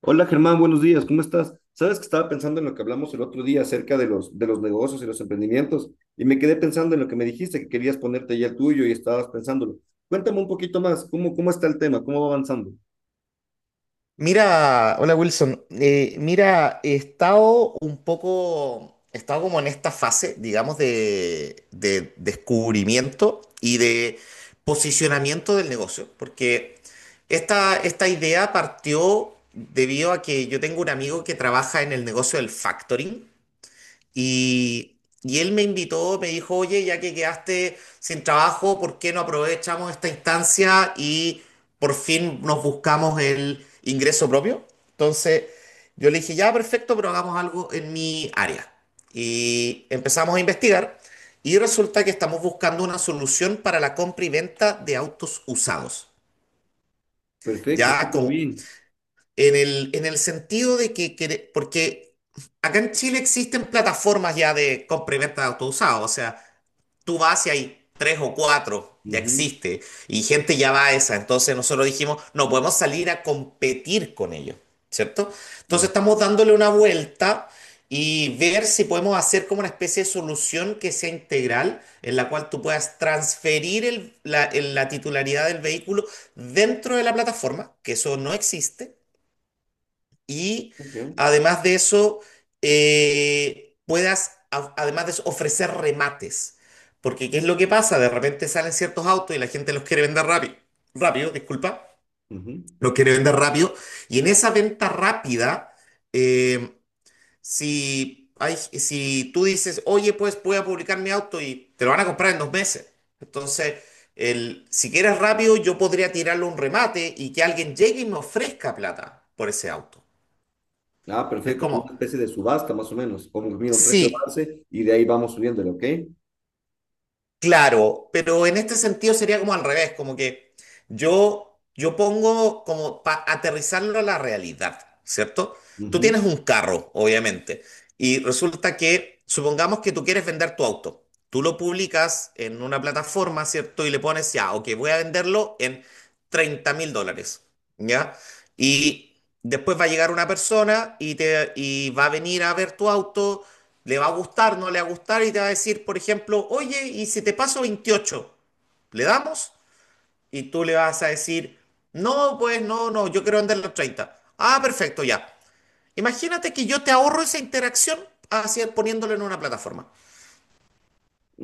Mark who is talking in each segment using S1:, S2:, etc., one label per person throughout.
S1: Hola Germán, buenos días, ¿cómo estás? Sabes que estaba pensando en lo que hablamos el otro día acerca de los negocios y los emprendimientos, y me quedé pensando en lo que me dijiste, que querías ponerte ya el tuyo y estabas pensándolo. Cuéntame un poquito más. ¿Cómo está el tema? ¿Cómo va avanzando?
S2: Mira, hola Wilson. He estado como en esta fase, digamos, de descubrimiento y de posicionamiento del negocio, porque esta idea partió debido a que yo tengo un amigo que trabaja en el negocio del factoring y, y él me invitó, me dijo, oye, ya que quedaste sin trabajo, ¿por qué no aprovechamos esta instancia y por fin nos buscamos el ingreso propio? Entonces yo le dije, ya, perfecto, pero hagamos algo en mi área. Y empezamos a investigar y resulta que estamos buscando una solución para la compra y venta de autos usados.
S1: Perfecto,
S2: Ya
S1: súper
S2: como
S1: bien.
S2: en el sentido de que, porque acá en Chile existen plataformas ya de compra y venta de autos usados, o sea, tú vas y hay tres o cuatro, ya
S1: Ujú,
S2: existe, y gente ya va a esa, entonces nosotros dijimos, no podemos salir a competir con ellos, ¿cierto?
S1: mm,
S2: Entonces estamos dándole una vuelta y ver si podemos hacer como una especie de solución que sea integral, en la cual tú puedas transferir la titularidad del vehículo dentro de la plataforma, que eso no existe y
S1: ok,
S2: además de eso, puedas, además de eso, ofrecer remates. Porque, ¿qué es lo que pasa? De repente salen ciertos autos y la gente los quiere vender rápido. Rápido, disculpa.
S1: ujú.
S2: Los quiere vender rápido. Y en esa venta rápida, eh, si tú dices, oye, pues voy a publicar mi auto y te lo van a comprar en 2 meses. Entonces, si quieres rápido, yo podría tirarle un remate y que alguien llegue y me ofrezca plata por ese auto.
S1: Ah,
S2: Es
S1: perfecto, como
S2: como,
S1: una especie de subasta más o menos, como mira un precio
S2: Sí,
S1: base y de ahí vamos subiéndolo, ¿ok?
S2: claro, pero en este sentido sería como al revés, como que yo pongo como para aterrizarlo a la realidad, ¿cierto? Tú
S1: Ujú.
S2: tienes un carro, obviamente, y resulta que, supongamos que tú quieres vender tu auto, tú lo publicas en una plataforma, ¿cierto? Y le pones, ya, ok, voy a venderlo en US$30.000, ¿ya? Después va a llegar una persona y va a venir a ver tu auto, le va a gustar, no le va a gustar y te va a decir, por ejemplo, oye, ¿y si te paso 28, ¿le damos? Y tú le vas a decir, no, pues no, no, yo quiero vender los 30. Ah, perfecto, ya. Imagínate que yo te ahorro esa interacción hacia, poniéndolo en una plataforma.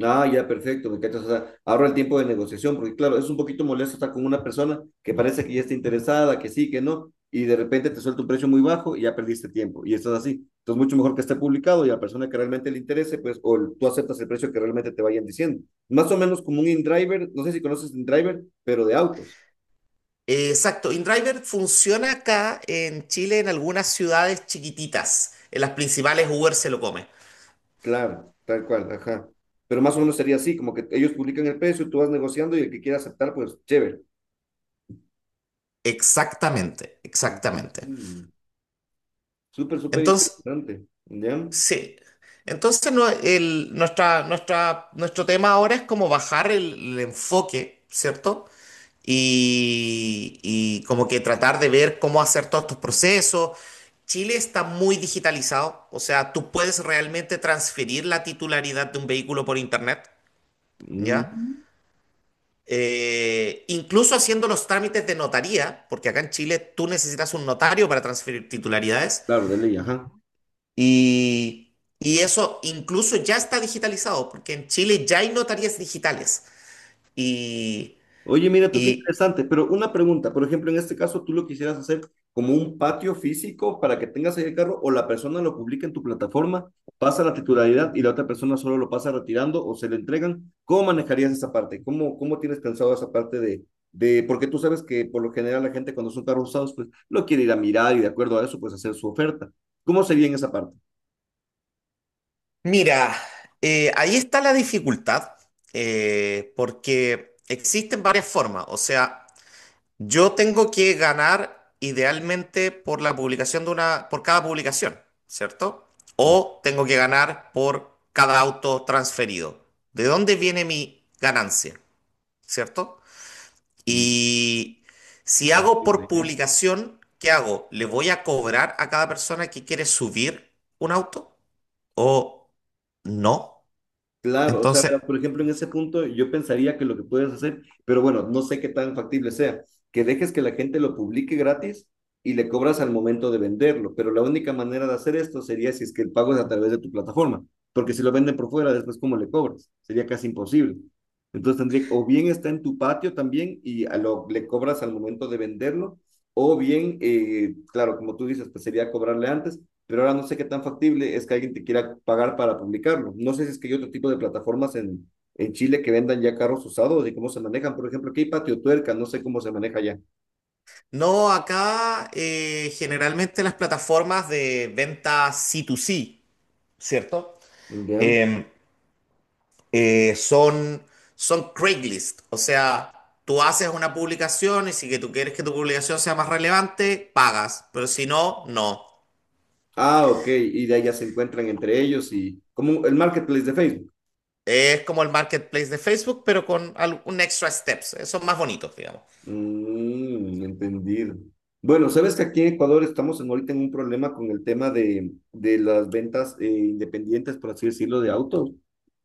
S1: Ah, ya, perfecto, me cachas. O sea, ahorra el tiempo de negociación, porque claro, es un poquito molesto estar con una persona que parece que ya está interesada, que sí, que no, y de repente te suelta un precio muy bajo y ya perdiste tiempo. Y esto es así. Entonces, mucho mejor que esté publicado y a la persona que realmente le interese, pues, tú aceptas el precio que realmente te vayan diciendo. Más o menos como un InDriver, no sé si conoces InDriver, pero de autos.
S2: Exacto, InDriver funciona acá en Chile en algunas ciudades chiquititas. En las principales Uber se lo come.
S1: Claro, tal cual, ajá. Pero más o menos sería así, como que ellos publican el precio, tú vas negociando y el que quiera aceptar, pues, chévere.
S2: Exactamente, exactamente.
S1: Ujú. Súper, súper
S2: Entonces,
S1: interesante. ¿Ya?
S2: sí. Entonces, no, nuestro tema ahora es como bajar el enfoque, ¿cierto? Y como que tratar de ver cómo hacer todos estos procesos. Chile está muy digitalizado, o sea, tú puedes realmente transferir la titularidad de un vehículo por internet, ¿ya?
S1: Mm,
S2: Incluso haciendo los trámites de notaría, porque acá en Chile tú necesitas un notario para transferir titularidades.
S1: claro, de ley, ajá.
S2: Y eso incluso ya está digitalizado, porque en Chile ya hay notarías digitales. Y,
S1: Oye, mira tú qué
S2: y
S1: interesante, pero una pregunta, por ejemplo, en este caso, ¿tú lo quisieras hacer como un patio físico para que tengas ahí el carro, o la persona lo publica en tu plataforma, pasa la titularidad y la otra persona solo lo pasa retirando o se le entregan? ¿Cómo manejarías esa parte? ¿Cómo tienes pensado esa parte porque tú sabes que por lo general la gente, cuando son carros usados, pues lo quiere ir a mirar y de acuerdo a eso, pues hacer su oferta. ¿Cómo sería en esa parte?
S2: mira, ahí está la dificultad, porque existen varias formas. O sea, yo tengo que ganar idealmente por la publicación de una, por cada publicación, ¿cierto?
S1: Mm,
S2: O tengo que ganar por cada auto transferido. ¿De dónde viene mi ganancia? ¿Cierto?
S1: mm,
S2: Y si hago por
S1: entiendo.
S2: publicación, ¿qué hago? ¿Le voy a cobrar a cada persona que quiere subir un auto? ¿O no?
S1: Claro, o sea,
S2: Entonces,
S1: verás, por ejemplo, en ese punto yo pensaría que lo que puedes hacer, pero bueno, no sé qué tan factible sea, que dejes que la gente lo publique gratis y le cobras al momento de venderlo, pero la única manera de hacer esto sería si es que el pago es a través de tu plataforma, porque si lo venden por fuera, después ¿cómo le cobras? Sería casi imposible. Entonces tendría, o bien está en tu patio también y a lo, le cobras al momento de venderlo, o bien, claro, como tú dices, pues sería cobrarle antes, pero ahora no sé qué tan factible es que alguien te quiera pagar para publicarlo. No sé si es que hay otro tipo de plataformas en Chile que vendan ya carros usados y cómo se manejan. Por ejemplo, aquí hay Patio Tuerca, no sé cómo se maneja ya.
S2: no, acá generalmente las plataformas de venta C2C, ¿cierto?
S1: ¿Ya?
S2: Em, eh, son, son Craigslist, o sea... Tú haces una publicación y si que tú quieres que tu publicación sea más relevante, pagas, pero si no, no.
S1: Ah, ok, y de ahí ya se encuentran entre ellos, y como el marketplace de Facebook.
S2: Es como el marketplace de Facebook, pero con un extra steps. Son más bonitos, digamos.
S1: Mm, entendido. Bueno, sabes que aquí en Ecuador estamos ahorita en un problema con el tema de las ventas independientes, por así decirlo, de autos,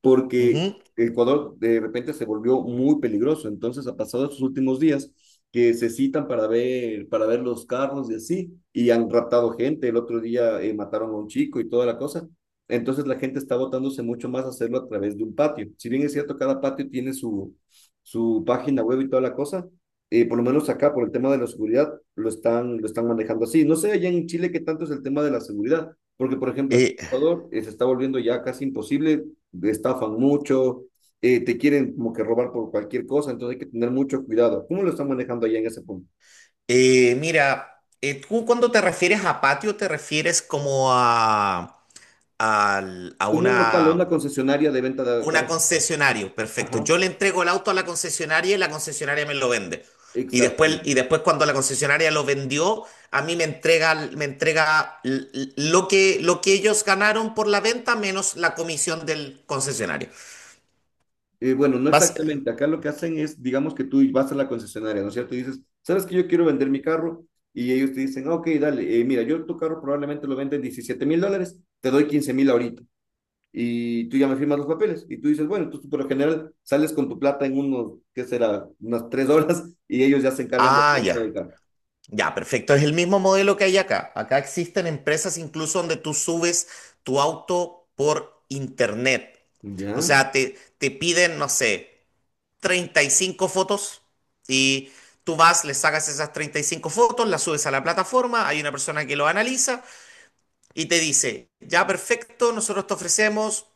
S1: porque
S2: Ujú.
S1: Ecuador de repente se volvió muy peligroso. Entonces ha pasado estos últimos días que se citan para ver los carros y así, y han raptado gente. El otro día mataron a un chico y toda la cosa. Entonces la gente está botándose mucho más a hacerlo a través de un patio. Si bien es cierto, cada patio tiene su, su página web y toda la cosa, por lo menos acá, por el tema de la seguridad, lo están manejando así. No sé allá en Chile qué tanto es el tema de la seguridad, porque por ejemplo aquí
S2: Eh,
S1: en Ecuador se está volviendo ya casi imposible, estafan mucho, te quieren como que robar por cualquier cosa, entonces hay que tener mucho cuidado. ¿Cómo lo están manejando allá en ese punto?
S2: tú cuando te refieres a patio, te refieres como a, al- a
S1: Como un local, una
S2: una,
S1: concesionaria de venta de
S2: una
S1: carros usados.
S2: concesionaria. Perfecto.
S1: Ajá.
S2: Yo le entrego el auto a la concesionaria y la concesionaria me lo vende. Y después,
S1: Exactamente.
S2: y después cuando la concesionaria lo vendió, a mí me entrega lo que ellos ganaron por la venta menos la comisión del concesionario.
S1: Bueno, no
S2: Bas-
S1: exactamente. Acá lo que hacen es, digamos que tú vas a la concesionaria, ¿no es cierto? Y dices, ¿sabes que yo quiero vender mi carro? Y ellos te dicen, "Ah, ok, dale, mira, yo tu carro probablemente lo venden 17 mil dólares, te doy 15 mil ahorita. Y tú ya me firmas los papeles." Y tú dices, bueno, tú por lo general sales con tu plata en unos, ¿qué será? Unas 3 horas y ellos ya se encargan de
S2: Ah,
S1: la venta del
S2: ya.
S1: carro.
S2: Ya, perfecto. Es el mismo modelo que hay acá. Acá existen empresas incluso donde tú subes tu auto por internet. O
S1: Ya.
S2: sea, te piden, no sé, 35 fotos y tú vas, le sacas esas 35 fotos, las subes a la plataforma, hay una persona que lo analiza y te dice, ya, perfecto, nosotros te ofrecemos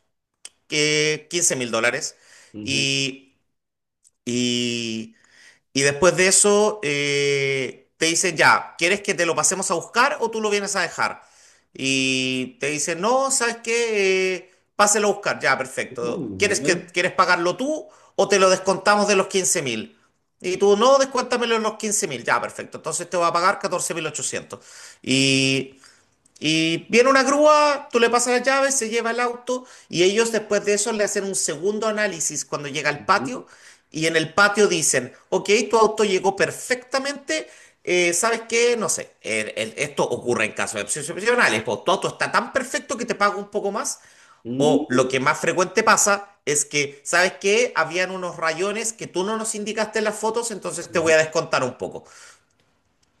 S2: que US$15.000
S1: Ujú.
S2: y, y y después de eso te dicen, ya, ¿quieres que te lo pasemos a buscar o tú lo vienes a dejar? Y te dicen, no, ¿sabes qué? Páselo a buscar, ya,
S1: Oh,
S2: perfecto. ¿Quieres
S1: ya.
S2: que, quieres pagarlo tú o te lo descontamos de los 15.000? Y tú, no, descuéntamelo en los 15.000, ya, perfecto. Entonces te va a pagar 14.800. Y viene una grúa, tú le pasas las llaves, se lleva el auto y ellos después de eso le hacen un segundo análisis cuando llega al
S1: Ujú.
S2: patio y en el patio dicen, ok, tu auto llegó perfectamente, ¿sabes qué? No sé, esto ocurre en casos excepcionales, pues tu auto está tan perfecto que te pago un poco más, o lo
S1: Mm.
S2: que más frecuente pasa es que, ¿sabes qué? Habían unos rayones que tú no nos indicaste en las fotos, entonces te voy
S1: Ujú.
S2: a descontar un poco.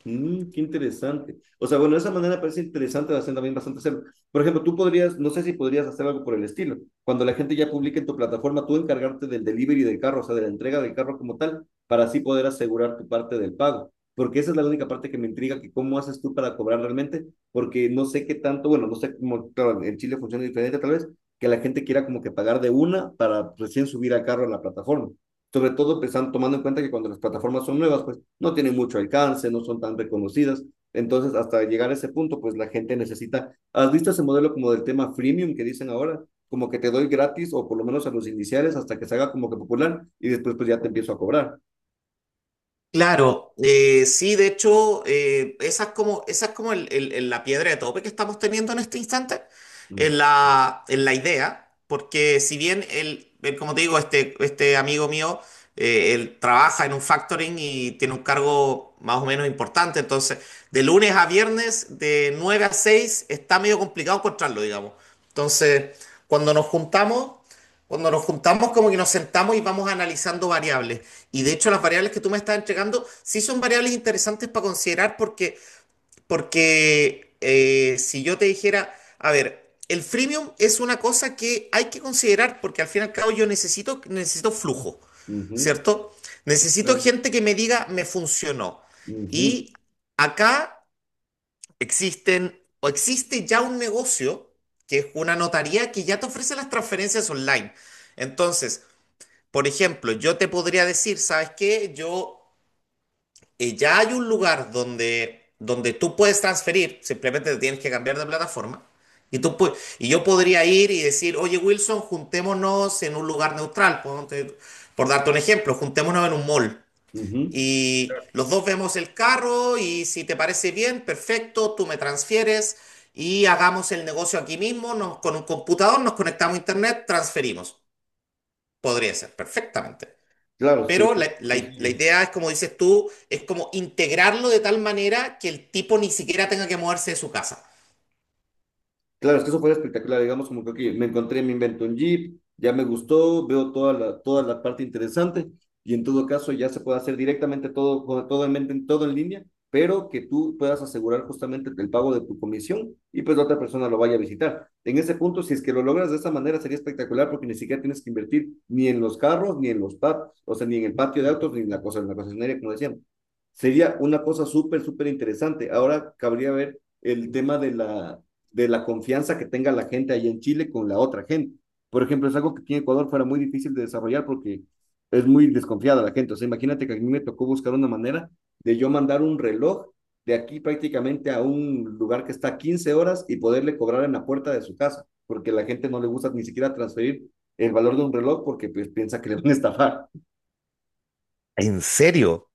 S1: Mm, qué interesante. O sea, bueno, de esa manera parece interesante hacer también bastante hacerlo. Por ejemplo, tú podrías, no sé si podrías hacer algo por el estilo. Cuando la gente ya publique en tu plataforma, tú encargarte del delivery del carro, o sea, de la entrega del carro como tal, para así poder asegurar tu parte del pago. Porque esa es la única parte que me intriga, que cómo haces tú para cobrar realmente, porque no sé qué tanto, bueno, no sé cómo, claro, en Chile funciona diferente tal vez, que la gente quiera como que pagar de una para recién subir al carro en la plataforma. Sobre todo pensando, tomando en cuenta que cuando las plataformas son nuevas, pues no tienen mucho alcance, no son tan reconocidas. Entonces, hasta llegar a ese punto, pues la gente necesita, ¿has visto ese modelo como del tema freemium que dicen ahora? Como que te doy gratis, o por lo menos a los iniciales, hasta que se haga como que popular, y después pues ya te empiezo a cobrar.
S2: Claro, sí, de hecho, esa es como la piedra de tope que estamos teniendo en este instante,
S1: Mm.
S2: en la idea, porque si bien él, como te digo, este amigo mío, él trabaja en un factoring y tiene un cargo más o menos importante, entonces, de lunes a viernes, de 9 a 6 está medio complicado encontrarlo, digamos. Entonces, cuando nos juntamos... Cuando nos juntamos, como que nos sentamos y vamos analizando variables. Y de hecho, las variables que tú me estás entregando sí son variables interesantes para considerar porque, porque si yo te dijera, a ver, el freemium es una cosa que hay que considerar porque al fin y al cabo yo necesito flujo,
S1: Ujú.
S2: ¿cierto?
S1: Sí,
S2: Necesito
S1: claro.
S2: gente que me diga, me funcionó.
S1: Ujú,
S2: Y acá existen, o existe ya un negocio, que es una notaría que ya te ofrece las transferencias online. Entonces, por ejemplo, yo te podría decir, ¿sabes qué? Yo, ya hay un lugar donde tú puedes transferir, simplemente te tienes que cambiar de plataforma. Y, y yo podría ir y decir, oye Wilson, juntémonos en un lugar neutral. Por darte un ejemplo, juntémonos en un mall.
S1: ujú.
S2: Y los dos vemos el carro y si te parece bien, perfecto, tú me transfieres y hagamos el negocio aquí mismo, con un computador, nos conectamos a internet, transferimos. Podría ser perfectamente.
S1: Claro, sería
S2: Pero la
S1: sencillo.
S2: idea es, como dices tú, es como integrarlo de tal manera que el tipo ni siquiera tenga que moverse de su casa.
S1: Claro, es que eso fue espectacular, digamos, como que ok, me encontré, me invento un Jeep, ya me gustó, veo toda la parte interesante, y en todo caso ya se puede hacer directamente todo, todo en mente, todo en línea, pero que tú puedas asegurar justamente el pago de tu comisión y pues la otra persona lo vaya a visitar. En ese punto, si es que lo logras de esa manera, sería espectacular porque ni siquiera tienes que invertir ni en los carros, ni en los pubs, o sea, ni en el patio de autos, ni en la cosa, en la concesionaria, como decíamos. Sería una cosa súper, súper interesante. Ahora cabría ver el tema de la confianza que tenga la gente allá en Chile con la otra gente. Por ejemplo, es algo que aquí en Ecuador fuera muy difícil de desarrollar porque es muy desconfiada la gente. O sea, imagínate que a mí me tocó buscar una manera de yo mandar un reloj de aquí prácticamente a un lugar que está 15 horas, y poderle cobrar en la puerta de su casa, porque la gente no le gusta ni siquiera transferir el valor de un reloj porque pues, piensa que le van a estafar.
S2: ¿En serio?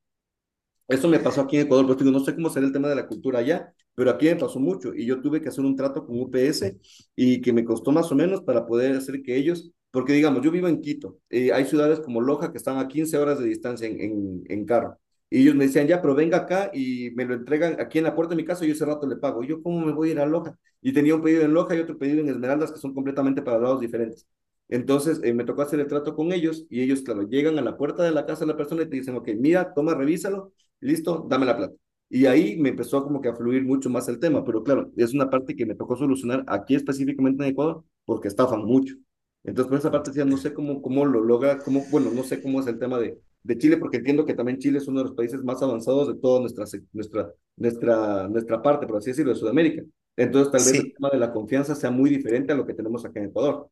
S1: Eso me pasó aquí en Ecuador, pues digo, no sé cómo será el tema de la cultura allá, pero aquí me pasó mucho y yo tuve que hacer un trato con UPS, y que me costó más o menos para poder hacer que ellos, porque digamos, yo vivo en Quito, hay ciudades como Loja que están a 15 horas de distancia en carro. Y ellos me decían, ya, pero venga acá y me lo entregan aquí en la puerta de mi casa, y yo ese rato le pago. Y yo, ¿cómo me voy a ir a Loja? Y tenía un pedido en Loja y otro pedido en Esmeraldas, que son completamente para lados diferentes. Entonces, me tocó hacer el trato con ellos, y ellos, claro, llegan a la puerta de la casa de la persona y te dicen, ok, mira, toma, revísalo, listo, dame la plata. Y ahí me empezó como que a fluir mucho más el tema, pero claro, es una parte que me tocó solucionar aquí específicamente en Ecuador porque estafan mucho. Entonces, por esa parte decía, no sé cómo, cómo lo logra, cómo, bueno, no sé cómo es el tema de Chile, porque entiendo que también Chile es uno de los países más avanzados de toda nuestra, nuestra parte, por así decirlo, de Sudamérica. Entonces, tal vez el
S2: Sí.
S1: tema de la confianza sea muy diferente a lo que tenemos acá en Ecuador.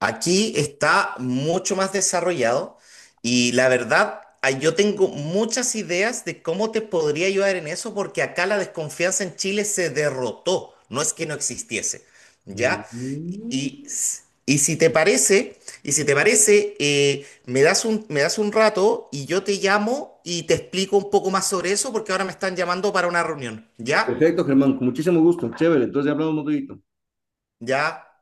S2: Aquí está mucho más desarrollado y la verdad, yo tengo muchas ideas de cómo te podría ayudar en eso porque acá la desconfianza en Chile se derrotó, no es que no existiese, ¿ya?
S1: Mm-hmm.
S2: Y, s- y si te parece, y si te parece, me das un rato y yo te llamo y te explico un poco más sobre eso porque ahora me están llamando para una reunión, ¿ya?
S1: Perfecto, Germán, con muchísimo gusto, chévere, entonces ya hablamos un poquito.
S2: ¿Ya?